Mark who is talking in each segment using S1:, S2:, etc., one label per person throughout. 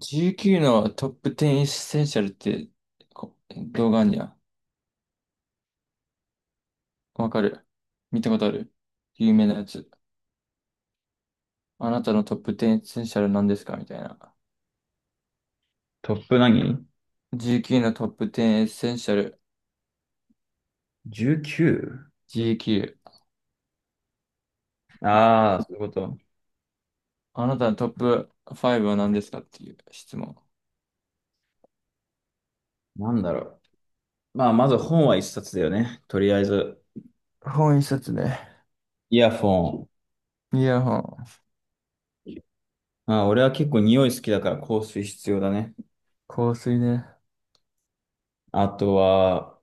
S1: GQ のトップ10エッセンシャルってこ動画あんにゃん。わかる。見たことある。有名なやつ。あなたのトップ10エッセンシャルなんですかみたいな。
S2: トップ何？
S1: GQ のトップ10エッセンシャル。
S2: 19？
S1: GQ、
S2: そういうこと。
S1: あなたのトップ5は何ですかっていう質問。
S2: なんだろまあ、まず本は一冊だよね。とりあえず。
S1: 本一冊ね。
S2: イヤフォン。
S1: イヤホン。
S2: まあ、俺は結構匂い好きだから香水必要だね。
S1: 香水ね。
S2: あとは、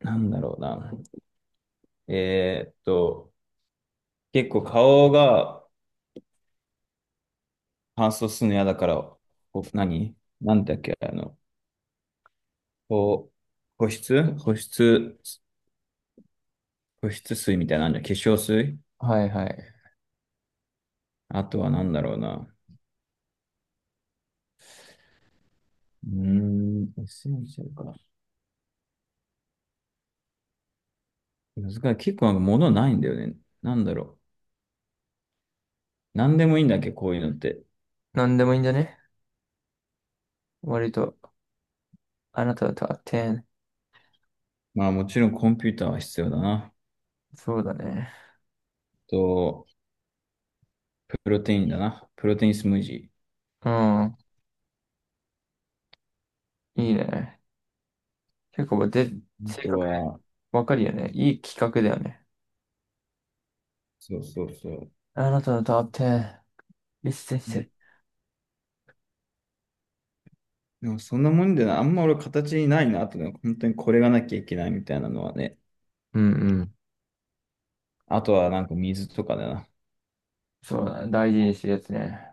S2: なんだろうな。えーっと、結構顔が乾燥するの嫌だから、何なんだっけ、こ保湿、保湿水みたいなのあるじゃん。化粧水。
S1: はいはい。
S2: あとはなんだろうな。うーん、エッセンシャルか。難しい。結構なんか物ないんだよね。なんだろう。なんでもいいんだっけ、こういうのって。
S1: なんでもいいんだね。割と。あなたのトップ10。
S2: まあもちろんコンピューターは必要だな。
S1: そうだね。
S2: と、プロテインだな。プロテインスムージ
S1: うん。いいね。結構で、
S2: ー。あ
S1: 性
S2: と
S1: 格
S2: は、
S1: わかるよね。いい企画だよね。
S2: そうそうそう。
S1: あなたのトップ1リストしてる。
S2: でもそんなもんでな、あんま俺形にないなってのは、本当にこれがなきゃいけないみたいなのはね。
S1: うんうん。
S2: あとはなんか水とかだな。
S1: そうだね、大事にしてるやつね。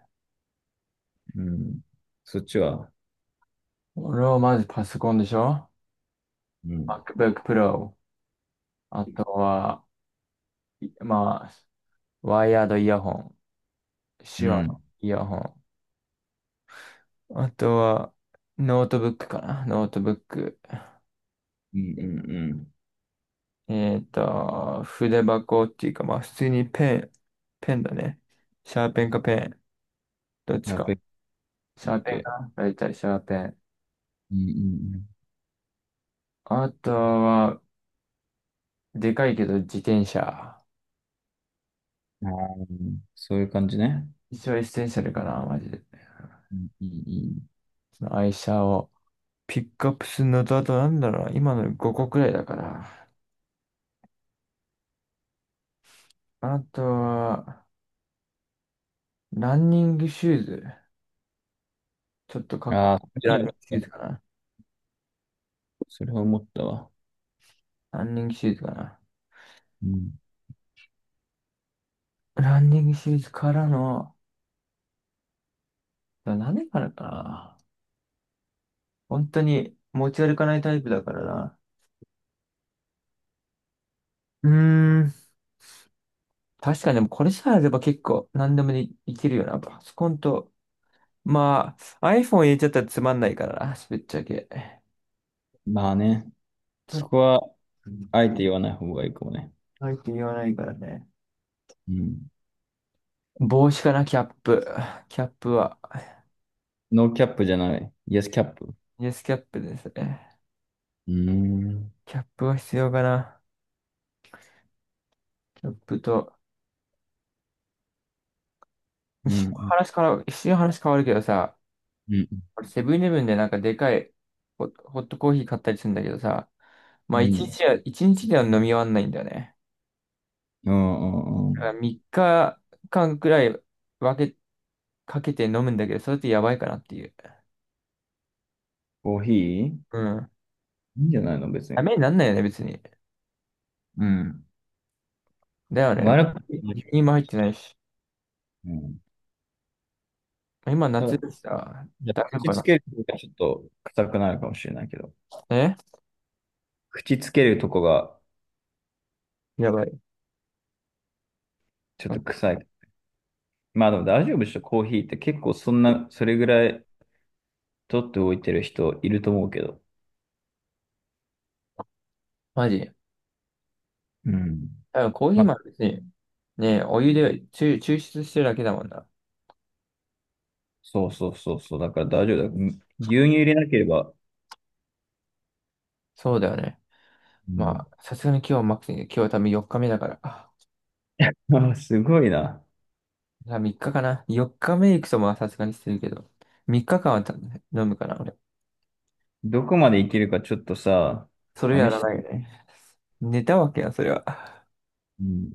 S2: うん。そっちは、
S1: 俺はまずパソコンでしょ。
S2: うん。
S1: MacBook Pro。あとは、いまあ、ワイヤードイヤホン。
S2: う
S1: 手話の
S2: ん。
S1: イヤホン。あとは、ノートブックかなノートブック。
S2: うんうんうん。
S1: 筆箱っていうか、まあ、普通にペンだね。シャーペンかペン。どっち
S2: やっべ
S1: か。
S2: っ
S1: シャーペン
S2: け。
S1: か大体シャーペン。
S2: うんうん
S1: あとは、でかいけど自転車。
S2: うん。あー、そういう感じね。
S1: 一応エッセンシャルかな、マジで。
S2: うんうんうん。
S1: その愛車をピックアップするのと、あとなんだろうな、今の5個くらいだから。あとは、ランニングシューズ。ちょっとかっこ
S2: ああ、
S1: いいランニングシューズかな。
S2: それは思ったわ。
S1: ランニングシューズかな。
S2: うん。
S1: ランニングシューズからの、何からかな。本当に持ち歩かないタイプだからな。うーん。確かにでもこれさえあれば結構何でもでいけるよな。パソコンとまあ、iPhone 入れちゃったらつまんないからな、ぶっちゃけ。
S2: まあね、
S1: ちょっ
S2: そ
S1: と、
S2: こは、あえて言わない方がいいかもね。
S1: 入って言わないからね。
S2: うん。
S1: 帽子かな、キャップ。キャップは。
S2: ノーキャップじゃない。イエスキャップ。う
S1: イエスキャップですね。
S2: ーん。
S1: キャップは必要かな。キャップと。
S2: うん。うん。
S1: 一瞬話変わるけどさ、
S2: うん。
S1: 俺セブンイレブンでなんかでかいホットコーヒー買ったりするんだけどさ、
S2: う
S1: まあ
S2: ん。
S1: 一日では飲み終わんないんだよね。
S2: う
S1: だか
S2: ん。
S1: ら3日間くらい分け、かけて飲むんだけど、それってやばいかなっていう。
S2: コーヒーい
S1: うん。
S2: いんじゃないの、別
S1: ダ
S2: に。
S1: メになんないよね、別に。
S2: うん。
S1: だよね。
S2: 悪くない。
S1: 輸入も入ってないし。
S2: うん。
S1: 今
S2: た
S1: 夏
S2: だ、
S1: でした。
S2: じゃあ
S1: 大丈夫
S2: 口
S1: か
S2: つ
S1: な。
S2: けるとこがちょっと臭くなるかもしれないけど。
S1: え
S2: 口つけるとこが
S1: やばい。
S2: ちょ
S1: う
S2: っと
S1: ん。
S2: 臭い。まあでも大丈夫でしょ、コーヒーって結構そんな、それぐらい取っておいてる人いると思うけど。
S1: マジ。
S2: うん。
S1: あ、コーヒ
S2: ま、
S1: ーも別に、ね、お湯で抽出してるだけだもんな。
S2: そうそうそうそう。だから大丈夫だ。ん、牛乳入れなければ。
S1: そうだよね。
S2: うん。
S1: まあ、さすがに今日はマックスに、今日は多分4日目だから。あ、
S2: あ、すごいな。
S1: じゃあ3日かかな。4日目行くとまあさすがにしてるけど。3日間は飲むかな、俺。
S2: どこまでいけるかちょっとさ、
S1: それや
S2: 試
S1: ら
S2: し
S1: ない
S2: て。
S1: よね。寝たわけや、それは。
S2: うん。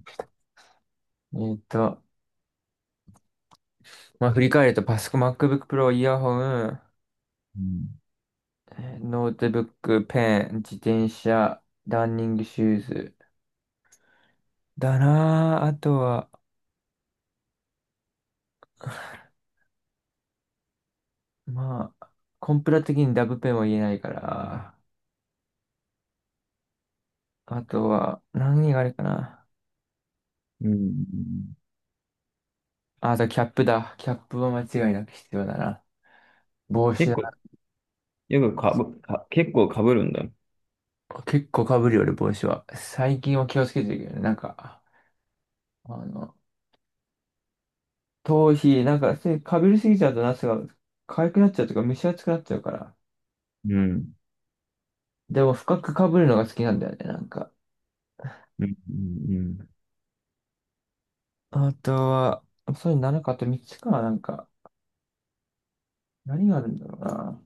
S1: えーっと、まあ振り返るとパソコン、MacBook Pro、イヤホン、
S2: うん。
S1: ノートブック、ペン、自転車、ランニングシューズ。だなぁ。あとは、まあ、コンプラ的にダブペンは言えないから。あとは、何があれかな。
S2: うん。うん、
S1: あ、あとキャップだ。キャップは間違いなく必要だな。帽
S2: 結
S1: 子だ
S2: 構、
S1: な。
S2: よくかぶ、か、結構かぶるんだ。
S1: 結構被るよ、俺、帽子は。最近は気をつけてるけどね。なんか、あの、頭皮、なんか、被りすぎちゃうと、夏が痒くなっちゃうとか、蒸し暑くなっちゃうから。
S2: うん。
S1: でも、深く被るのが好きなんだよね、なんか。
S2: うん。うん。うん。
S1: あとは、そういうのなるかあと3つか、なんか、何があるんだろうな。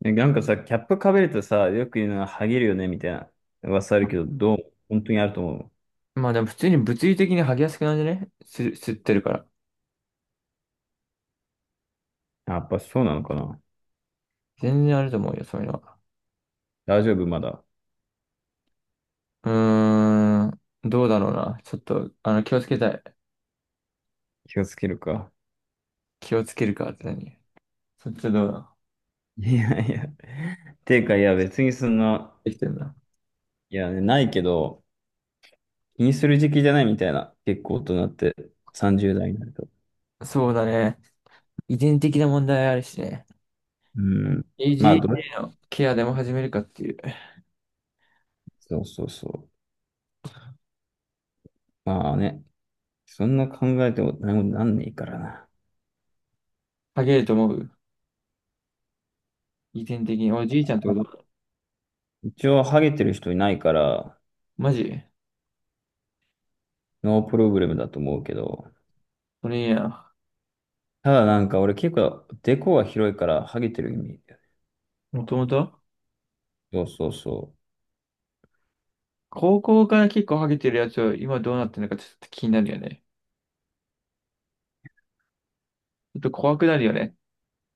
S2: なんかさ、キャップかぶるとさ、よく言うのは、ハゲるよね、みたいな噂あるけど、どう、本当にあると思う。
S1: まあでも普通に物理的に剥ぎやすくなるんじゃねす、吸ってるから。
S2: あ、やっぱそうなのかな。
S1: 全然あると思うよ、そういうのは。
S2: 大丈夫、まだ。
S1: うーん、どうだろうな。ちょっと、気をつけたい。
S2: 気をつけるか。
S1: 気をつけるかって何。そっちはどうだ。
S2: いやいや。ていうか、いや、別にそんな、
S1: できてるな。
S2: いや、ないけど、気にする時期じゃないみたいな。結構大人って、30代になると。
S1: そうだね。遺伝的な問題あるしね。
S2: うん。まあ、どれ、
S1: AGA のケアでも始めるかっていう。
S2: そうそうそう。まあね、そんな考えても何もなんねえからな。
S1: 剥げると思う遺伝的に。おい、じいちゃんとかどう。
S2: 一応、ハゲてる人いないから、
S1: マジ。
S2: ノープログラムだと思うけど、
S1: それいいな。
S2: ただなんか俺結構、デコが広いから、ハゲてる意味。
S1: もともと
S2: そうそうそう。
S1: 高校から結構ハゲてるやつを今どうなってるのかちょっと気になるよね。ちょっと怖くなるよね。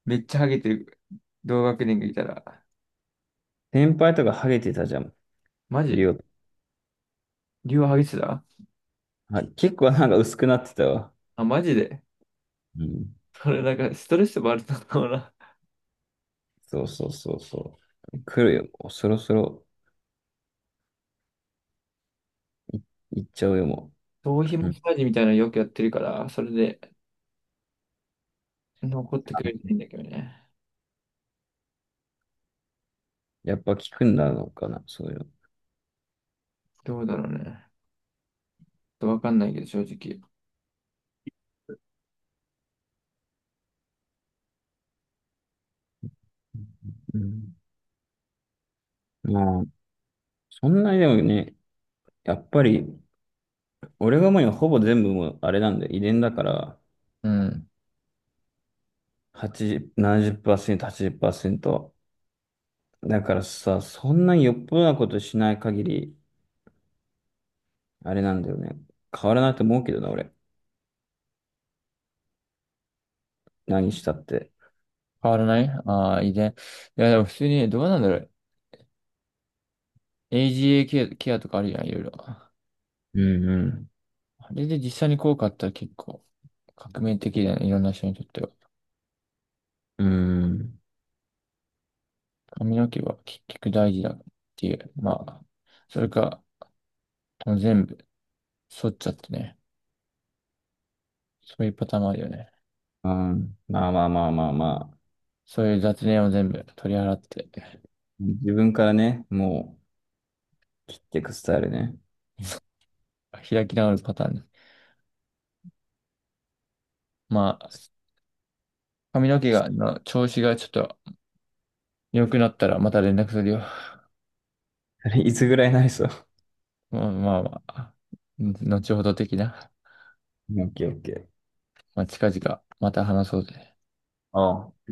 S1: めっちゃハゲてる同学年がいたら。
S2: 先輩とかハゲてたじゃん。
S1: マジ。
S2: りょう、
S1: 竜はハゲてた。
S2: はい、結構なんか薄くなってたわ。
S1: あ、マジで。
S2: うん。
S1: それなんかストレスもあるのかもな。
S2: そうそうそうそう。来るよ。もうそろそろ行っちゃうよ、も
S1: 頭皮
S2: う。
S1: マ
S2: う
S1: ッ
S2: ん、
S1: サージみたいなのよくやってるから、それで残ってくれていいんだけどね。
S2: やっぱ効くんだろうかな、そういうの。
S1: どうだろうね。ちょっとわかんないけど、正直。
S2: うん。まあ、そんなにでもね、やっぱり、俺がもうにはほぼ全部もうあれなんだよ、遺伝だから、
S1: うん。
S2: 80、70%、80%。だからさ、そんなによっぽどなことしない限り、あれなんだよね。変わらないと思うけどな、俺。何したって。
S1: 変わらない。ああー、遺伝。いや、でも普通にね、どうなんだろう。AGA ケアとかあるじゃん、いろいろ。あ
S2: うんうん。
S1: れで実際に効果あったら結構革命的だよね、いろんな人にとっては。
S2: うん。
S1: 髪の毛は結局大事だっていう。まあ、それか、もう全部剃っちゃってね。そういうパターンもあるよね。
S2: うん。まあまあまあまあまあ。
S1: そういう雑念を全部取り払って、
S2: 自分からね、もう切っていくスタイルね。
S1: 開き直るパターンね。まあ、髪の毛の調子がちょっと良くなったらまた連絡するよ。
S2: あれいつぐらいになりそう。
S1: まあまあまあ、後ほど的な。
S2: オッケーオッケー。
S1: まあ、近々また話そうぜ。
S2: ああ。